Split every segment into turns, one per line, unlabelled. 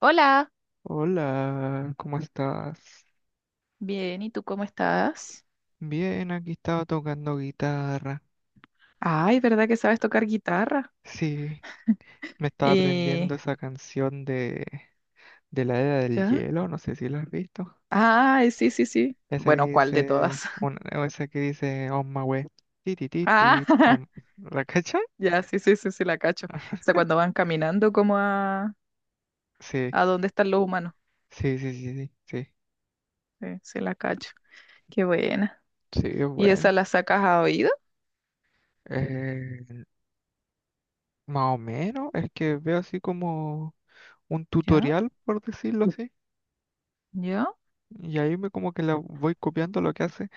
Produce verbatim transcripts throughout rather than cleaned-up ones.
Hola,
Hola, ¿cómo estás?
bien, ¿y tú cómo estás?
Bien, aquí estaba tocando guitarra.
Ay, ¿verdad que sabes tocar guitarra?
Sí, me estaba
Eh,
aprendiendo esa canción de, de la Era del
¿ya?
Hielo, no sé si la has visto.
Ay, sí, sí, sí.
Esa que
Bueno, ¿cuál de
dice,
todas?
una, o esa que dice On my way. Ti, ti, ti,
Ah,
ti, on- ¿La cachai?
ya, sí, sí, sí, sí, la cacho. O sea, cuando van caminando como a,
Sí,
a dónde están los humanos.
sí, sí, sí, sí, sí,
Sí, sí, la cacho. Qué buena.
sí, es
¿Y
bueno.
esa la sacas a oído?
Eh, Más o menos, es que veo así como un
¿Ya?
tutorial, por decirlo así,
¿Ya?
y ahí me como que la voy copiando lo que hace.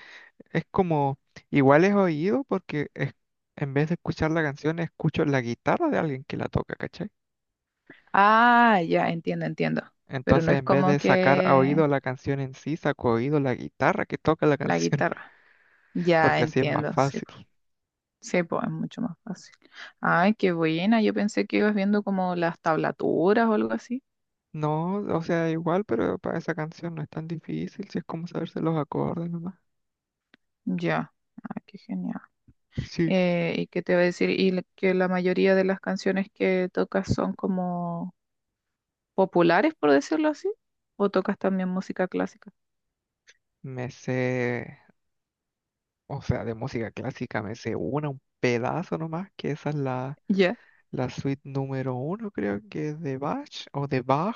Es como, igual es oído porque es, en vez de escuchar la canción, escucho la guitarra de alguien que la toca, ¿cachai?
Ah, ya, entiendo, entiendo. Pero no
Entonces,
es
en vez
como
de sacar a
que
oído la canción en sí, saco a oído la guitarra que toca la
la
canción,
guitarra. Ya,
porque así es más
entiendo, sí.
fácil.
Sí, pues es mucho más fácil. Ay, qué buena. Yo pensé que ibas viendo como las tablaturas o algo así.
No, o sea, igual, pero para esa canción no es tan difícil, si es como saberse los acordes nomás.
Ya. Ay, qué genial.
Sí,
Eh, ¿y qué te iba a decir? Y la- que la mayoría de las canciones que tocas son como populares, por decirlo así. ¿O tocas también música clásica?
me sé, o sea, de música clásica me sé una, un pedazo nomás, que esa es la,
Ya.
la suite número uno, creo que es de Bach o de Bach.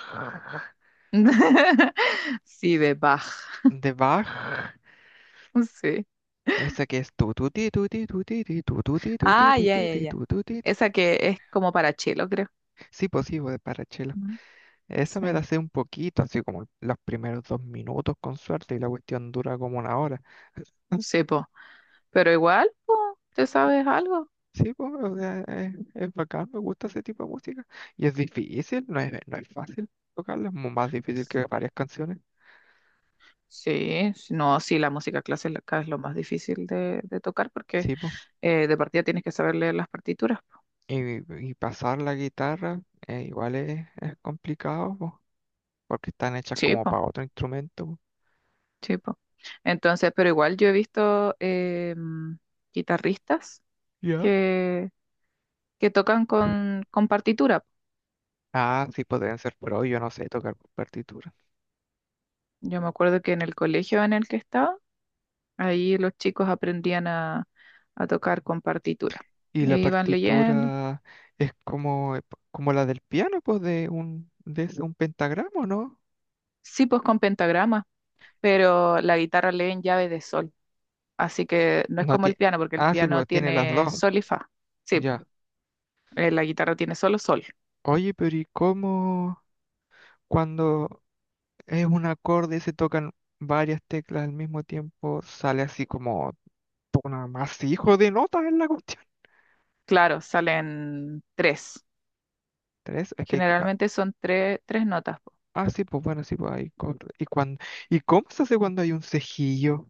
Sí, de Bach.
De Bach.
Sí.
Esa que es tu tu ti tu ti tu ti ti tu tu ti tu ti
Ah,
tu
ya,
ti
ya,
ti
ya.
tu tu ti ti.
Esa que es como para chelo, creo.
Sí, pues sí, pues, de Parachelo.
¿No?
Esa me
Sí.
la sé un poquito, así como los primeros dos minutos con suerte y la cuestión dura como una hora.
Sí, po. Pero igual, po, ¿te sabes algo?
Sí, pues, o sea, es, es bacán, me gusta ese tipo de música. Y es difícil, no es, no es fácil tocarla, es mu- más difícil
Sí.
que varias canciones.
Sí, sí, no, sí, la música clásica es lo más difícil de, de tocar porque
Sí, pues.
eh, de partida tienes que saber leer las partituras.
Y, y pasar la guitarra eh, igual es, es complicado, pues, porque están hechas
Sí,
como
po,
para otro instrumento.
sí, po. Entonces, pero igual yo he visto eh, mm, guitarristas
Pues.
que, que tocan con, con partitura.
Ah, sí podrían ser, pero yo no sé tocar por partitura.
Yo me acuerdo que en el colegio en el que estaba, ahí los chicos aprendían a, a tocar con partitura.
Y
Y
la
iban leyendo.
partitura es como, eh, como la del piano, pues, de un, de ese- un pentagrama, ¿no?
Sí, pues con pentagrama, pero la guitarra lee en llave de sol. Así que no es
No
como el
tiene.
piano, porque el
Ah, sí,
piano
pues tiene las dos.
tiene sol y fa. Sí, po,
Ya.
eh, la guitarra tiene solo sol.
Oye, pero ¿y cómo cuando es un acorde y se tocan varias teclas al mismo tiempo, sale así como un amasijo de notas en la cuestión?
Claro, salen tres.
¿Tres? Es que hay.
Generalmente son tres, tres notas, po.
Ah, ah, sí, pues bueno, sí, pues hay. co- ¿Y, cuando, ¿Y cómo se hace cuando hay un cejillo?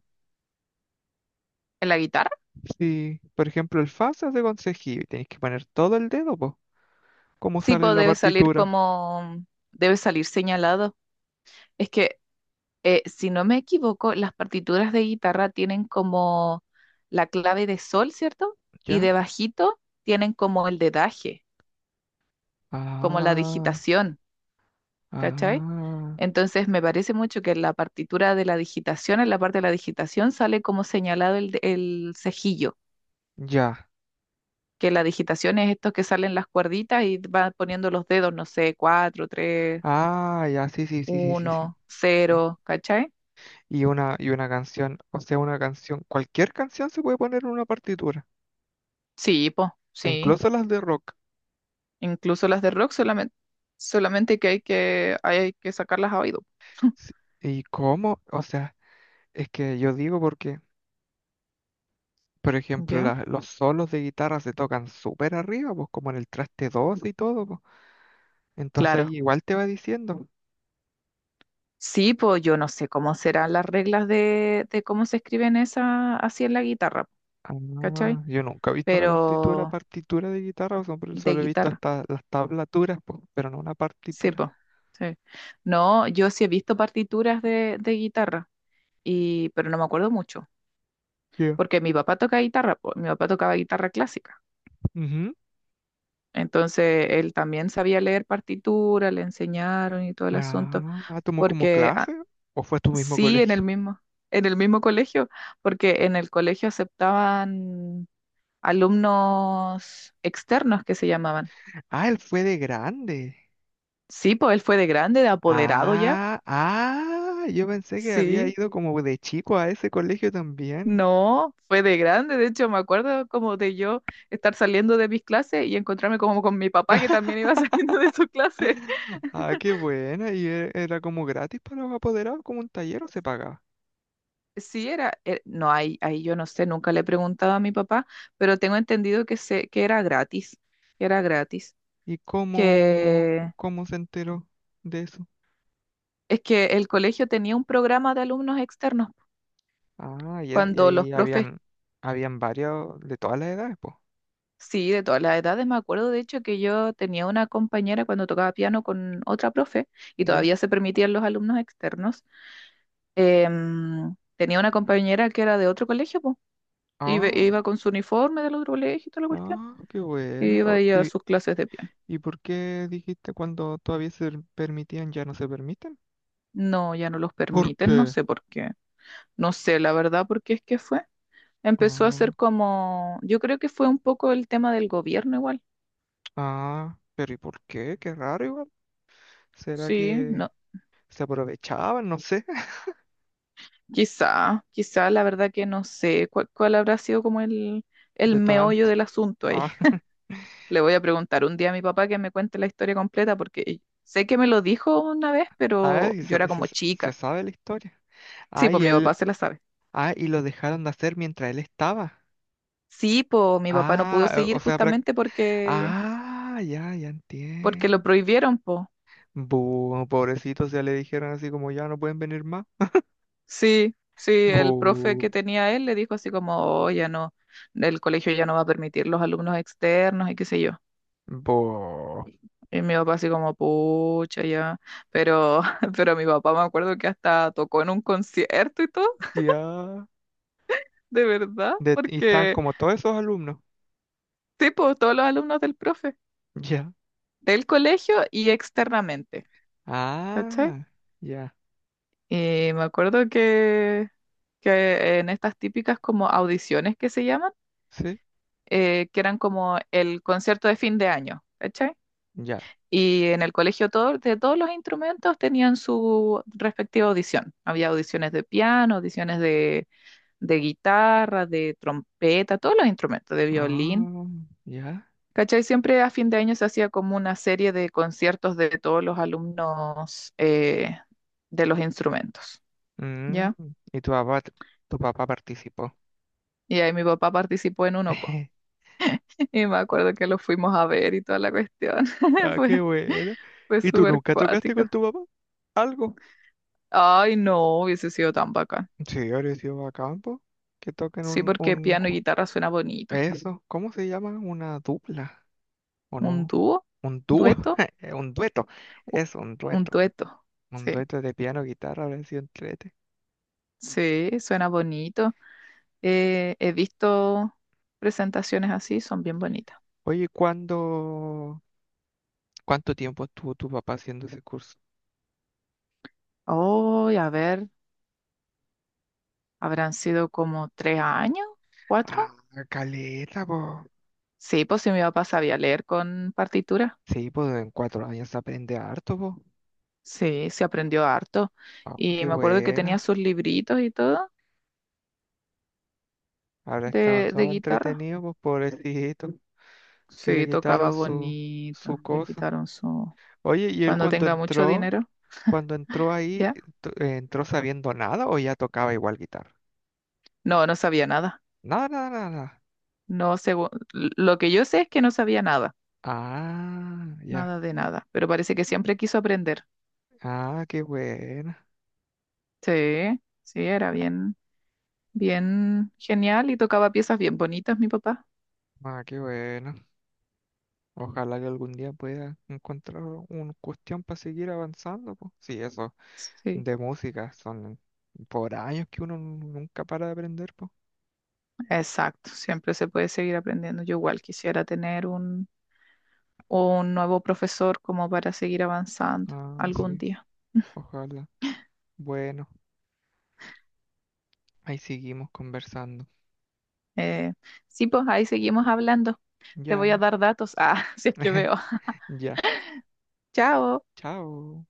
¿En la guitarra?
Si, por ejemplo, el fa se hace con cejilla y tenéis que poner todo el dedo, pues, como
Sí,
sale en
pues
la
debe salir
partitura.
como, debe salir señalado. Es que, eh, si no me equivoco, las partituras de guitarra tienen como la clave de sol, ¿cierto? Y de
¿Ya?
bajito tienen como el dedaje, como la
Ah,
digitación. ¿Cachai?
ah,
Entonces me parece mucho que en la partitura de la digitación, en la parte de la digitación, sale como señalado el, el cejillo,
ya.
que la digitación es estos que salen las cuerditas y van poniendo los dedos, no sé, cuatro, tres,
Ah, ya, sí, sí, sí, sí, sí, sí.
uno,
Sí.
cero, ¿cachai?
Y una, y una canción, o sea, una canción, cualquier canción se puede poner en una partitura,
Sí, po,
e
sí.
incluso las de rock.
Incluso las de rock solamente, solamente que hay que, hay que sacarlas a oído.
Sí, ¿y cómo? O sea, es que yo digo porque, por ejemplo,
¿Ya?
la- los solos de guitarra se tocan súper arriba, pues como en el traste doce y todo, pues. Entonces ahí
Claro.
igual te va diciendo.
Sí, pues yo no sé cómo serán las reglas de, de cómo se escriben esas así en la guitarra,
Ah,
¿cachai?
yo nunca he visto una partitura,
Pero
partitura de guitarra, o sea, pero
de
solo he visto
guitarra,
hasta las tablaturas, po, pero no una
sí,
partitura.
po, sí. No, yo sí he visto partituras de, de guitarra, y, pero no me acuerdo mucho,
Ya.
porque mi papá toca guitarra, po, mi papá tocaba guitarra clásica,
Ujú.
entonces él también sabía leer partitura, le enseñaron y todo el asunto,
Ah, ah, ¿tomó como
porque
clase?
ah,
¿O fue a tu mismo
sí, en el
colegio?
mismo, en el mismo colegio, porque en el colegio aceptaban alumnos externos que se llamaban.
Ah, él fue de grande.
Sí, pues él fue de grande, de apoderado ya.
Ah, ah, yo pensé que había
Sí,
ido como de chico a ese colegio también.
no, fue de grande, de hecho me acuerdo como de yo estar saliendo de mis clases y encontrarme como con mi papá que también iba saliendo de su clase.
Ah, qué buena. Y e- era como gratis para los apoderados, como un taller o se pagaba.
Sí, era, eh, no, ahí, ahí yo no sé, nunca le he preguntado a mi papá, pero tengo entendido que, se, que era gratis, que era gratis,
¿Y cómo,
que
cómo se enteró de eso?
es que el colegio tenía un programa de alumnos externos
Ah, y, es- y
cuando los
ahí
profes,
habían, habían varios de todas las edades, pues.
sí, de todas las edades, me acuerdo de hecho que yo tenía una compañera cuando tocaba piano con otra profe y
Ya.
todavía se permitían los alumnos externos em, tenía una compañera que era de otro colegio, po, y ve-
Ah,
iba con su uniforme del otro colegio y toda la cuestión,
ah, qué
y
bueno. Oh,
iba ella a
¿y,
sus clases de piano.
y por qué dijiste cuando todavía se permitían, ya no se permiten?
No, ya no los
¿Por
permiten, no
qué?
sé por qué, no sé la verdad por qué es que fue. Empezó a
Ah,
ser como, yo creo que fue un poco el tema del gobierno igual,
ah, pero ¿y por qué? Qué raro igual. ¿Será
sí,
que
no,
se aprovechaban? No sé.
quizá, quizá la verdad que no sé cuál, cuál habrá sido como el, el meollo
Detonante.
del asunto ahí.
Ah,
Le voy a preguntar un día a mi papá que me cuente la historia completa porque sé que me lo dijo una vez,
ah,
pero
y
yo
sa-
era
se,
como
se
chica.
sabe la historia.
Sí,
Ah,
pues
y
mi papá
él,
se la sabe.
ah, y lo dejaron de hacer mientras él estaba.
Sí, pues mi papá no pudo
Ah, o
seguir
o sea, prac-
justamente porque
ah, ya, ya
porque lo
entiendo.
prohibieron, pues.
Buh, pobrecitos, ya le dijeron así como ya no pueden venir más.
Sí, sí, el profe que
Buh,
tenía él le dijo así como, "Oh, ya no, el colegio ya no va a permitir los alumnos externos y qué sé yo."
buh,
Y mi papá así como, "Pucha, ya." Pero pero mi papá me acuerdo que hasta tocó en un concierto y todo.
ya.
De verdad.
De- y están
Porque
como todos esos alumnos.
Sí, pues todos los alumnos del profe,
Ya.
del colegio y externamente, ¿cachai?
Ah, ya.
Y me acuerdo que, que en estas típicas como audiciones que se llaman,
Sí,
eh, que eran como el concierto de fin de año, ¿cachai?
ya.
Y en el colegio todo, de todos los instrumentos tenían su respectiva audición. Había audiciones de piano, audiciones de, de guitarra, de trompeta, todos los instrumentos, de violín.
Ah, ya.
¿Cachai? Siempre a fin de año se hacía como una serie de conciertos de todos los alumnos eh, de los instrumentos,
Mm,
¿ya?
y tu papá, tu papá participó.
Y ahí mi papá participó en uno, po. Y me acuerdo que lo fuimos a ver y toda la cuestión.
Ah, qué
Fue,
buena.
fue
¿Y tú
súper
nunca tocaste
cuático.
con tu papá? ¿Algo?
Ay, no, hubiese sido tan bacán.
Sí, ahora sido a campo. Que toquen
Sí,
un,
porque
un...
piano y guitarra suena bonito.
Eso, ¿cómo se llama? Una dupla. ¿O
¿Un
no?
dúo?
Un dúo,
¿Dueto?
un dueto,
U-
es un
Un
dueto,
dueto.
un
Sí,
dueto de piano, guitarra, habría sido entrete.
sí, suena bonito. Eh, he visto presentaciones así, son bien bonitas.
Oye, ¿cuándo, ¿cuánto tiempo estuvo tu papá haciendo ese curso?
Oh, a ver, habrán sido como tres años,
Ah,
cuatro.
caleta, po.
Sí, pues sí, mi papá sabía leer con partitura.
Sí, pues en cuatro años se aprende harto, po.
Sí, se aprendió harto.
Ah,
Y
qué
me acuerdo que tenía
buena.
sus libritos y todo
Habrá estado
de, de
todo
guitarra.
entretenido, pues pobrecito, que le
Sí, tocaba
quitaron su,
bonito.
su
Le
cosa.
quitaron su...
Oye, ¿y él
Cuando
cuando
tenga mucho
entró,
dinero,
cuando entró ahí,
¿ya?
to- eh, entró sabiendo nada o ya tocaba igual guitarra?
No, no sabía nada.
Nada, nada, nada.
No sé, lo que yo sé es que no sabía nada,
Ah, ya.
nada de nada, pero parece que siempre quiso aprender.
Ah, qué buena.
Sí, sí, era bien. Bien genial y tocaba piezas bien bonitas, mi papá.
Ah, qué bueno. Ojalá que algún día pueda encontrar una cuestión para seguir avanzando, pues. Sí, eso
Sí,
de música son por años que uno nunca para de aprender, pues.
exacto. Siempre se puede seguir aprendiendo. Yo igual quisiera tener un, un nuevo profesor como para seguir avanzando
Ah,
algún
sí,
día.
ojalá. Bueno, ahí seguimos conversando.
Eh, sí, pues ahí seguimos hablando. Te voy a
Ya,
dar datos. Ah, si es que veo.
ya.
Chao.
Chao.